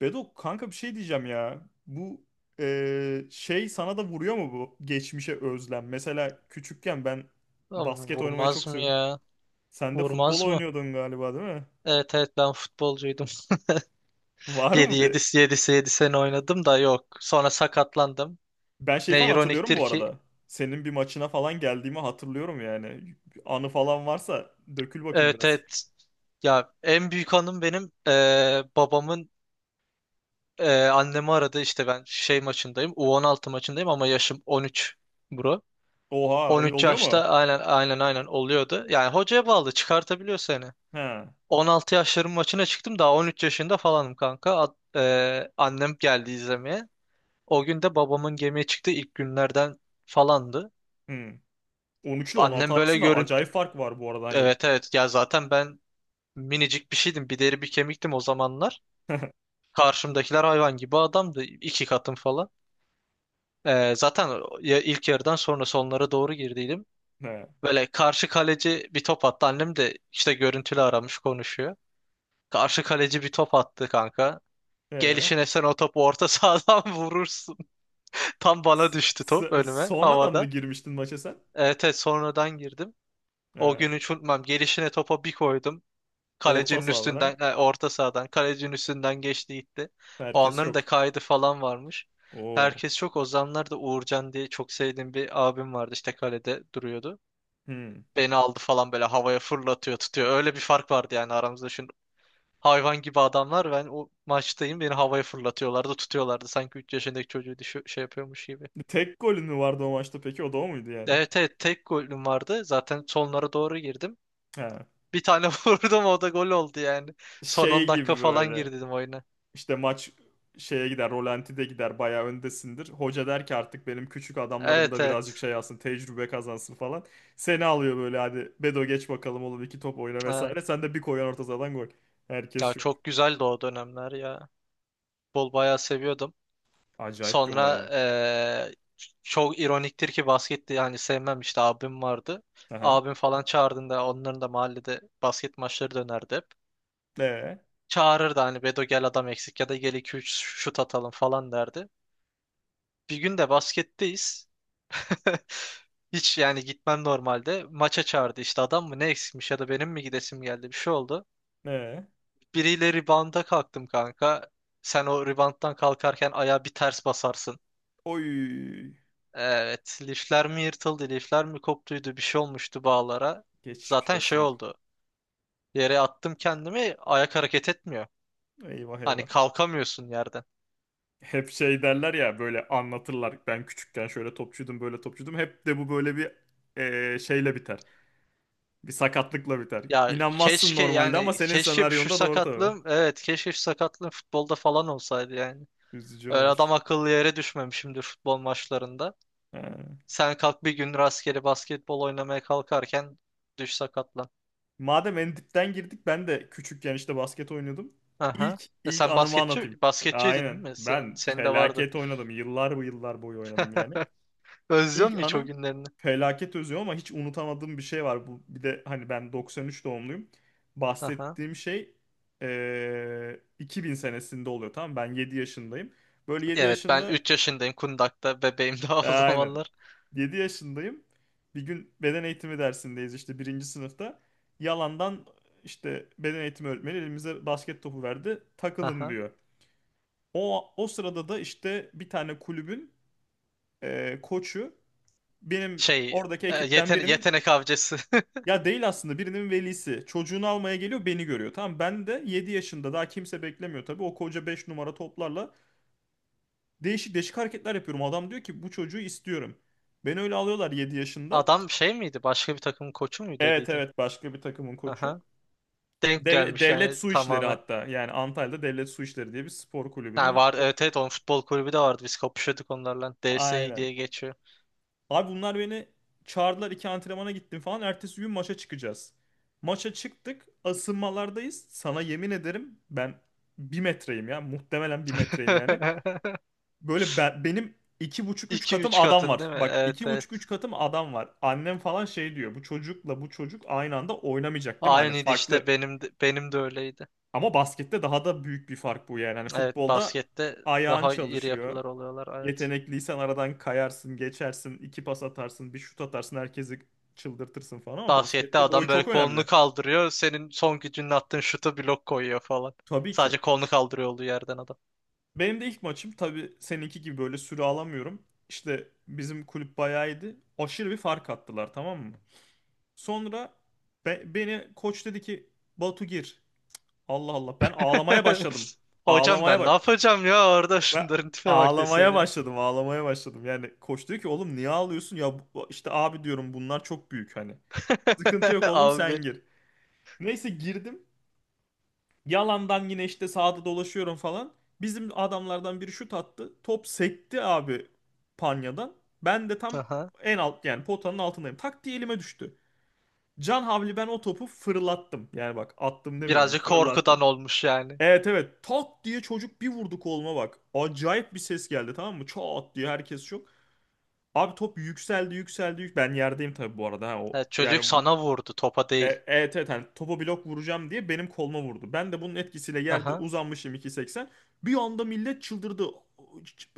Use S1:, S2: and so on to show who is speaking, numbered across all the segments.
S1: Bedo kanka bir şey diyeceğim ya. Bu şey sana da vuruyor mu bu geçmişe özlem? Mesela küçükken ben
S2: Lan,
S1: basket oynamayı
S2: vurmaz
S1: çok
S2: mı
S1: seviyordum.
S2: ya?
S1: Sen de futbol
S2: Vurmaz mı?
S1: oynuyordun galiba değil mi?
S2: Evet evet, ben futbolcuydum.
S1: Var
S2: Yedi,
S1: mı bir?
S2: yedi, yedi, yedi sene oynadım da yok. Sonra sakatlandım.
S1: Ben şey
S2: Ne
S1: falan hatırlıyorum
S2: ironiktir
S1: bu
S2: ki.
S1: arada. Senin bir maçına falan geldiğimi hatırlıyorum yani. Anı falan varsa dökül bakayım
S2: Evet
S1: biraz.
S2: evet. Ya en büyük anım benim babamın annemi aradı, işte ben şey maçındayım. U16 maçındayım ama yaşım 13, bro.
S1: Oha
S2: 13
S1: oluyor mu?
S2: yaşta aynen aynen aynen oluyordu. Yani hocaya bağlı, çıkartabiliyor seni.
S1: He.
S2: 16 yaşların maçına çıktım, daha 13 yaşında falanım kanka. Annem geldi izlemeye. O gün de babamın gemiye çıktığı ilk günlerden falandı.
S1: Hmm. 13 ile 16
S2: Annem böyle
S1: arasında acayip
S2: görüntü...
S1: fark var bu arada hani.
S2: Evet evet, ya zaten ben minicik bir şeydim. Bir deri bir kemiktim o zamanlar. Karşımdakiler hayvan gibi adamdı. İki katım falan. Zaten ya ilk yarıdan sonra sonlara doğru girdiydim.
S1: He.
S2: Böyle karşı kaleci bir top attı. Annem de işte görüntülü aramış, konuşuyor. Karşı kaleci bir top attı kanka.
S1: He.
S2: Gelişine sen o topu orta sahadan vurursun. Tam bana
S1: S-
S2: düştü top,
S1: s-
S2: önüme
S1: sonradan mı
S2: havada.
S1: girmiştin maça sen?
S2: Evet, evet sonradan girdim.
S1: He.
S2: O gün hiç unutmam. Gelişine topa bir koydum.
S1: Orta
S2: Kalecinin üstünden,
S1: sahada
S2: orta sahadan, kalecinin üstünden geçti gitti. O
S1: herkes
S2: anların da
S1: yok.
S2: kaydı falan varmış.
S1: Oo.
S2: Herkes çok. O zamanlar da Uğurcan diye çok sevdiğim bir abim vardı. İşte kalede duruyordu.
S1: Hmm.
S2: Beni aldı falan, böyle havaya fırlatıyor, tutuyor. Öyle bir fark vardı yani aramızda. Şimdi hayvan gibi adamlar. Ben o maçtayım. Beni havaya fırlatıyorlardı, tutuyorlardı. Sanki 3 yaşındaki çocuğu şey yapıyormuş gibi.
S1: Tek golün mü vardı o maçta peki? O da o muydu yani?
S2: Evet evet, tek golüm vardı. Zaten sonlara doğru girdim.
S1: Ha.
S2: Bir tane vurdum, o da gol oldu yani. Son
S1: Şey
S2: 10 dakika
S1: gibi
S2: falan
S1: böyle.
S2: girdim oyuna.
S1: İşte maç şeye gider, rolantide gider, bayağı öndesindir. Hoca der ki artık benim küçük adamlarım
S2: Evet
S1: da birazcık
S2: evet.
S1: şey alsın, tecrübe kazansın falan. Seni alıyor böyle, hadi Bedo geç bakalım oğlum, iki top oyna vesaire.
S2: Evet.
S1: Sen de bir koyan orta sahadan gol.
S2: Ya
S1: Herkes yok.
S2: çok güzeldi o dönemler ya. Bol bayağı seviyordum.
S1: Acayip bir olay
S2: Sonra
S1: ya.
S2: çok ironiktir ki basketti yani, sevmem, işte abim vardı.
S1: Aha.
S2: Abim falan çağırdığında onların da mahallede basket maçları dönerdi hep.
S1: Ne?
S2: Çağırırdı hani, Bedo gel adam eksik ya da gel iki üç şut atalım falan derdi. Bir gün de basketteyiz. Hiç yani gitmem normalde. Maça çağırdı işte, adam mı ne eksikmiş ya da benim mi gidesim geldi, bir şey oldu.
S1: Ne?
S2: Biriyle ribanda kalktım kanka. Sen o ribanttan kalkarken ayağa bir ters basarsın.
S1: Oy.
S2: Evet, lifler mi yırtıldı, lifler mi koptuydu, bir şey olmuştu bağlara.
S1: Geçmiş
S2: Zaten şey
S1: olsun.
S2: oldu. Yere attım kendimi, ayak hareket etmiyor.
S1: Eyvah
S2: Hani
S1: eyvah.
S2: kalkamıyorsun yerden.
S1: Hep şey derler ya böyle anlatırlar, ben küçükken şöyle topçuydum, böyle topçuydum, hep de bu böyle bir şeyle biter, bir sakatlıkla biter.
S2: Ya
S1: İnanmazsın
S2: keşke
S1: normalde ama
S2: yani,
S1: senin
S2: keşke şu
S1: senaryonda doğru tabii.
S2: sakatlığım, evet, keşke şu sakatlığım futbolda falan olsaydı yani.
S1: Üzücü
S2: Öyle
S1: olmuş.
S2: adam akıllı yere düşmemişimdir futbol maçlarında.
S1: Ha.
S2: Sen kalk bir gün rastgele basketbol oynamaya kalkarken düş, sakatlan.
S1: Madem en dipten girdik, ben de küçükken işte basket oynuyordum.
S2: Aha.
S1: İlk
S2: E
S1: ilk
S2: sen
S1: anımı
S2: basketçi
S1: anlatayım.
S2: basketçiydin
S1: Aynen,
S2: değil mi? Senin,
S1: ben
S2: senin de vardı.
S1: felaket oynadım, yıllar bu yıllar boyu oynadım yani.
S2: Özlüyor
S1: İlk
S2: musun hiç o
S1: anım,
S2: günlerini?
S1: felaket özlüyorum ama hiç unutamadığım bir şey var. Bu bir de hani, ben 93 doğumluyum.
S2: Aha.
S1: Bahsettiğim şey 2000 senesinde oluyor, tamam mı? Ben 7 yaşındayım. Böyle 7
S2: Evet, ben
S1: yaşında,
S2: 3 yaşındayım Kundak'ta. Bebeğim daha o
S1: aynen.
S2: zamanlar.
S1: 7 yaşındayım. Bir gün beden eğitimi dersindeyiz işte, birinci sınıfta. Yalandan işte, beden eğitimi öğretmeni elimize basket topu verdi. Takılın
S2: Aha.
S1: diyor. O sırada da işte bir tane kulübün koçu, benim
S2: Şey
S1: oradaki ekipten birinin...
S2: Yetenek avcısı.
S1: Ya değil aslında, birinin velisi. Çocuğunu almaya geliyor, beni görüyor. Tamam, ben de 7 yaşında, daha kimse beklemiyor tabii. O koca 5 numara toplarla değişik değişik hareketler yapıyorum. Adam diyor ki bu çocuğu istiyorum. Beni öyle alıyorlar 7 yaşında.
S2: Adam şey miydi? Başka bir takımın koçu muydu
S1: Evet,
S2: dediydin?
S1: evet, başka bir takımın koçu.
S2: Aha. Denk
S1: Devlet,
S2: gelmiş
S1: devlet
S2: yani
S1: su işleri
S2: tamamen.
S1: hatta. Yani Antalya'da devlet su işleri diye bir spor
S2: Ha,
S1: kulübünün.
S2: var, evet
S1: Korkuyorum.
S2: evet, onun futbol kulübü de vardı. Biz kapışıyorduk onlarla. DSI
S1: Aynen.
S2: diye geçiyor.
S1: Abi bunlar beni çağırdılar, iki antrenmana gittim falan. Ertesi gün maça çıkacağız. Maça çıktık. Asılmalardayız. Sana yemin ederim ben bir metreyim ya. Muhtemelen bir metreyim yani. Böyle ben, benim iki buçuk üç
S2: İki
S1: katım
S2: üç
S1: adam
S2: katın
S1: var.
S2: değil mi?
S1: Bak,
S2: Evet
S1: iki buçuk
S2: evet.
S1: üç katım adam var. Annem falan şey diyor, bu çocukla bu çocuk aynı anda oynamayacak değil mi? Hani
S2: Aynıydı işte,
S1: farklı...
S2: benim de öyleydi.
S1: Ama baskette daha da büyük bir fark bu yani. Hani
S2: Evet,
S1: futbolda
S2: baskette
S1: ayağın
S2: daha iri
S1: çalışıyor.
S2: yapılar oluyorlar, evet.
S1: Yetenekliysen aradan kayarsın, geçersin, iki pas atarsın, bir şut atarsın, herkesi çıldırtırsın falan ama
S2: Baskette
S1: baskette boy
S2: adam böyle
S1: çok
S2: kolunu
S1: önemli.
S2: kaldırıyor. Senin son gücünle attığın şuta blok koyuyor falan.
S1: Tabii
S2: Sadece
S1: ki.
S2: kolunu kaldırıyor olduğu yerden adam.
S1: Benim de ilk maçım, tabii seninki gibi böyle süre alamıyorum. İşte bizim kulüp bayağı iyiydi. Aşırı bir fark attılar, tamam mı? Sonra beni koç dedi ki Batu gir. Allah Allah, ben ağlamaya başladım.
S2: Hocam
S1: Ağlamaya
S2: ben ne
S1: baş...
S2: yapacağım ya orada,
S1: Ben
S2: şunların tipe bak
S1: ağlamaya
S2: deseydin.
S1: başladım, ağlamaya başladım. Yani koç diyor ki oğlum niye ağlıyorsun? Ya işte abi diyorum, bunlar çok büyük hani. Sıkıntı yok oğlum, sen
S2: Abi.
S1: gir. Neyse girdim. Yalandan yine işte sağda dolaşıyorum falan. Bizim adamlardan biri şut attı. Top sekti abi panyadan. Ben de tam
S2: Aha.
S1: en alt, yani potanın altındayım. Tak diye elime düştü. Can havli ben o topu fırlattım. Yani bak, attım demiyorum,
S2: Birazcık korkudan
S1: fırlattım.
S2: olmuş yani.
S1: Evet, evet, tak diye çocuk bir vurdu koluma, bak. Acayip bir ses geldi, tamam mı? Çat diye herkes şok. Abi top yükseldi, yükseldi, ben yerdeyim tabii bu arada, ha o
S2: Evet, çocuk
S1: yani bu,
S2: sana vurdu, topa değil.
S1: evet evet hani topa blok vuracağım diye benim koluma vurdu. Ben de bunun etkisiyle yerde
S2: Aha.
S1: uzanmışım 2.80. Bir anda millet çıldırdı.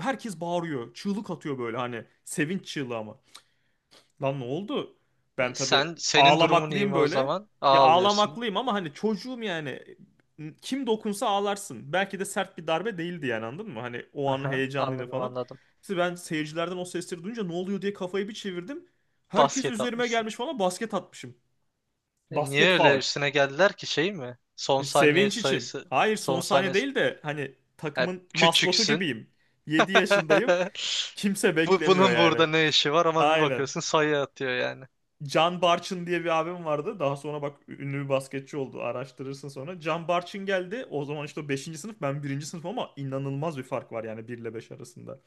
S1: Herkes bağırıyor. Çığlık atıyor böyle, hani sevinç çığlığı ama. Lan ne oldu? Ben tabii
S2: Sen, senin durumun iyi
S1: ağlamaklıyım
S2: mi o
S1: böyle.
S2: zaman?
S1: Ya
S2: Ağlıyorsun.
S1: ağlamaklıyım ama hani çocuğum yani. Kim dokunsa ağlarsın. Belki de sert bir darbe değildi yani, anladın mı? Hani o anın
S2: Aha,
S1: heyecanıyla
S2: anladım
S1: falan.
S2: anladım.
S1: İşte ben seyircilerden o sesleri duyunca ne oluyor diye kafayı bir çevirdim. Herkes
S2: Basket
S1: üzerime
S2: atmışsın.
S1: gelmiş falan, basket atmışım.
S2: E, niye
S1: Basket
S2: öyle
S1: faul.
S2: üstüne geldiler ki, şey mi, son
S1: E,
S2: saniye
S1: sevinç için.
S2: sayısı,
S1: Hayır, son
S2: son
S1: saniye
S2: saniye
S1: değil de hani
S2: e,
S1: takımın maskotu
S2: küçüksün.
S1: gibiyim. 7 yaşındayım. Kimse
S2: Bu
S1: beklemiyor
S2: bunun burada
S1: yani.
S2: ne işi var, ama bir
S1: Aynen.
S2: bakıyorsun sayı atıyor yani.
S1: Can Barçın diye bir abim vardı. Daha sonra bak, ünlü bir basketçi oldu. Araştırırsın sonra. Can Barçın geldi. O zaman işte o 5. sınıf, ben birinci sınıf, ama inanılmaz bir fark var yani 1 ile 5 arasında.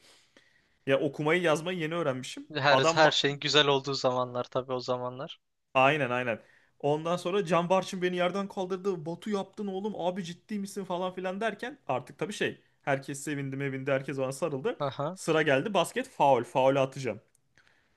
S1: Ya okumayı yazmayı yeni öğrenmişim.
S2: Her
S1: Adam
S2: her şeyin güzel olduğu zamanlar tabii, o zamanlar.
S1: aynen, aynen. Ondan sonra Can Barçın beni yerden kaldırdı. Batu yaptın oğlum, abi ciddi misin falan filan derken, artık tabii şey, herkes sevindi mevindi, herkes bana sarıldı.
S2: Aha.
S1: Sıra geldi, basket faul, faul atacağım.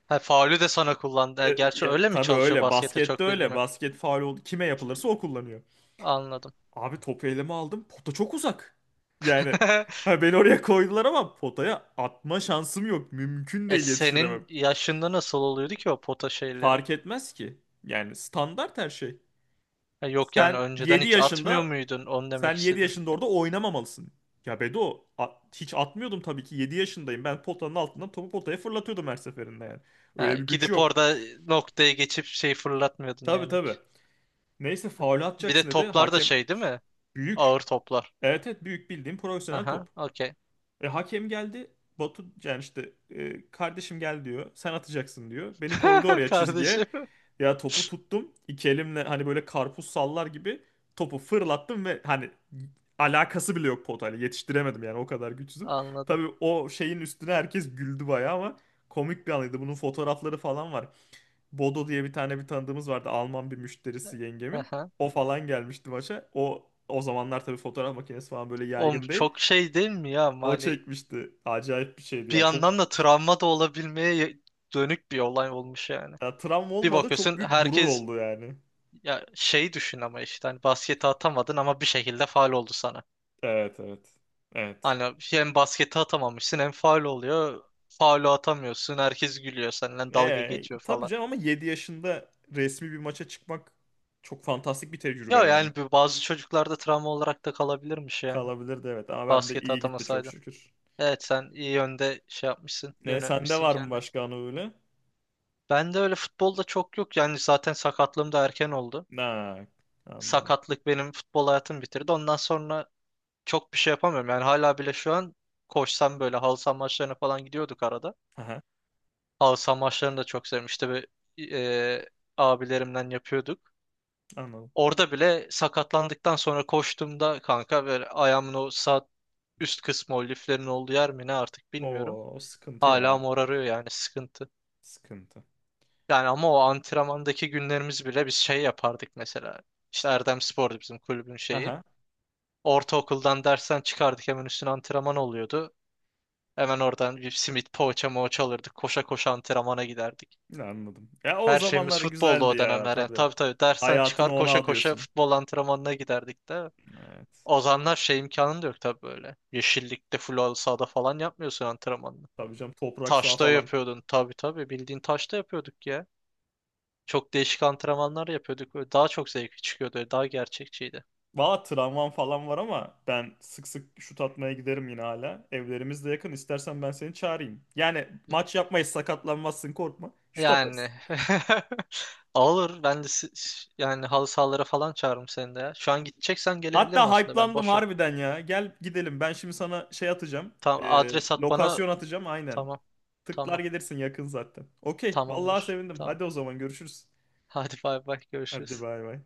S2: Ha, faulü de sana kullandı. Gerçi öyle mi
S1: Tabii
S2: çalışıyor,
S1: öyle,
S2: baskette
S1: baskette
S2: çok bilgim
S1: öyle,
S2: yok.
S1: basket faul oldu, kime yapılırsa o kullanıyor.
S2: Anladım.
S1: Abi topu elime aldım. Pota çok uzak. Yani ha, beni oraya koydular ama potaya atma şansım yok. Mümkün
S2: E
S1: değil, yetiştiremem.
S2: senin yaşında nasıl oluyordu ki o pota şeyleri?
S1: Fark etmez ki. Yani standart her şey.
S2: Ha, yok yani
S1: Sen
S2: önceden
S1: 7
S2: hiç atmıyor
S1: yaşında,
S2: muydun? Onu demek
S1: sen 7
S2: istedim.
S1: yaşında orada oynamamalısın. Ya Bedo hiç atmıyordum tabii ki, 7 yaşındayım. Ben potanın altından topu potaya fırlatıyordum her seferinde yani.
S2: Ha,
S1: Öyle bir güç
S2: gidip
S1: yok.
S2: orada noktaya geçip şey fırlatmıyordun
S1: Tabii,
S2: yani
S1: tabii.
S2: hiç.
S1: Neyse, faul
S2: Bir de
S1: atacaksın dedi.
S2: toplar da
S1: Hakem.
S2: şey değil mi? Ağır
S1: Büyük.
S2: toplar.
S1: Evet, evet, büyük, bildiğim profesyonel
S2: Aha,
S1: top.
S2: okey.
S1: E, hakem geldi. Batu yani işte, kardeşim gel diyor. Sen atacaksın diyor. Beni koydu oraya, çizgiye.
S2: Kardeşim.
S1: Ya topu tuttum. İki elimle hani böyle karpuz sallar gibi topu fırlattım ve hani alakası bile yok potayla. Yetiştiremedim yani, o kadar güçsüzüm.
S2: Anladım.
S1: Tabii o şeyin üstüne herkes güldü bayağı ama komik bir anıydı. Bunun fotoğrafları falan var. Bodo diye bir tane bir tanıdığımız vardı. Alman bir müşterisi yengemin.
S2: Aha.
S1: O falan gelmişti maça. O zamanlar tabii fotoğraf makinesi falan böyle
S2: Oğlum
S1: yaygın değil.
S2: çok şey değil mi ya? Ama
S1: O
S2: hani
S1: çekmişti. Acayip bir şeydi
S2: bir
S1: ya. Çok...
S2: yandan da travma da olabilmeye dönük bir olay olmuş yani.
S1: Ya travma
S2: Bir
S1: olmadı. Çok
S2: bakıyorsun
S1: büyük gurur
S2: herkes,
S1: oldu yani.
S2: ya şey düşün, ama işte hani basketi atamadın ama bir şekilde faal oldu sana.
S1: Evet, evet. Evet.
S2: Hani hem basketi atamamışsın hem faul oluyor, faulü atamıyorsun, herkes gülüyor, seninle dalga geçiyor
S1: Tabii
S2: falan.
S1: canım ama 7 yaşında resmi bir maça çıkmak çok fantastik bir tecrübe
S2: Ya
S1: yani.
S2: yani bu, bazı çocuklarda travma olarak da kalabilirmiş yani.
S1: Kalabilirdi evet, ama ben de
S2: Basketi
S1: iyi gitti, çok
S2: atamasaydın.
S1: şükür.
S2: Evet, sen iyi yönde şey yapmışsın,
S1: Ne, sende
S2: yönetmişsin
S1: var mı
S2: kendini.
S1: başka anı öyle?
S2: Ben de öyle futbolda çok yok. Yani zaten sakatlığım da erken oldu.
S1: Ha, anladım.
S2: Sakatlık benim futbol hayatımı bitirdi. Ondan sonra çok bir şey yapamıyorum. Yani hala bile şu an koşsam, böyle halı saha maçlarına falan gidiyorduk arada.
S1: Aha,
S2: Halı saha maçlarını da çok sevmişti ve e, abilerimden yapıyorduk.
S1: anladım.
S2: Orada bile sakatlandıktan sonra koştuğumda kanka, böyle ayağımın o sağ üst kısmı, o liflerin olduğu yer mi ne, artık bilmiyorum.
S1: Oo, o sıkıntı
S2: Hala
S1: ya.
S2: morarıyor yani, sıkıntı.
S1: Sıkıntı.
S2: Yani ama o antrenmandaki günlerimiz bile, biz şey yapardık mesela. İşte Erdem Spor'du bizim kulübün şeyi.
S1: Aha,
S2: Ortaokuldan dersten çıkardık, hemen üstüne antrenman oluyordu. Hemen oradan bir simit, poğaça moğaça alırdık, koşa koşa antrenmana giderdik.
S1: anladım. Ya o
S2: Her
S1: zamanlar
S2: şeyimiz futbolda
S1: güzeldi
S2: o
S1: ya
S2: dönemler yani.
S1: tabii.
S2: Tabii tabii, dersten
S1: Hayatını
S2: çıkar
S1: ona
S2: koşa koşa
S1: adıyorsun.
S2: futbol antrenmanına giderdik de.
S1: Evet.
S2: O zamanlar şey, imkanın da yok tabii böyle. Yeşillikte, full sahada falan yapmıyorsun antrenmanını.
S1: Tabii canım, toprak saha
S2: Taşta
S1: falan.
S2: yapıyordun, tabii tabii, bildiğin taşta yapıyorduk ya. Çok değişik antrenmanlar yapıyorduk, böyle. Daha çok zevkli çıkıyordu, daha gerçekçiydi.
S1: Valla tramvam falan var ama ben sık sık şut atmaya giderim yine hala. Evlerimiz de yakın. İstersen ben seni çağırayım. Yani maç yapmayız, sakatlanmazsın, korkma. Şut atarız.
S2: Yani olur, ben de yani halı sahalara falan çağırırım seni de ya. Şu an gideceksen
S1: Hatta
S2: gelebilirim, aslında ben
S1: hype'landım
S2: boşum.
S1: harbiden ya. Gel gidelim. Ben şimdi sana şey atacağım.
S2: Tamam,
S1: Ee,
S2: adres at bana.
S1: lokasyon atacağım aynen.
S2: Tamam.
S1: Tıklar
S2: Tamam.
S1: gelirsin, yakın zaten. Okey. Vallahi
S2: Tamamdır.
S1: sevindim.
S2: Tamam.
S1: Hadi o zaman görüşürüz.
S2: Hadi bay bay,
S1: Hadi
S2: görüşürüz.
S1: bay bay.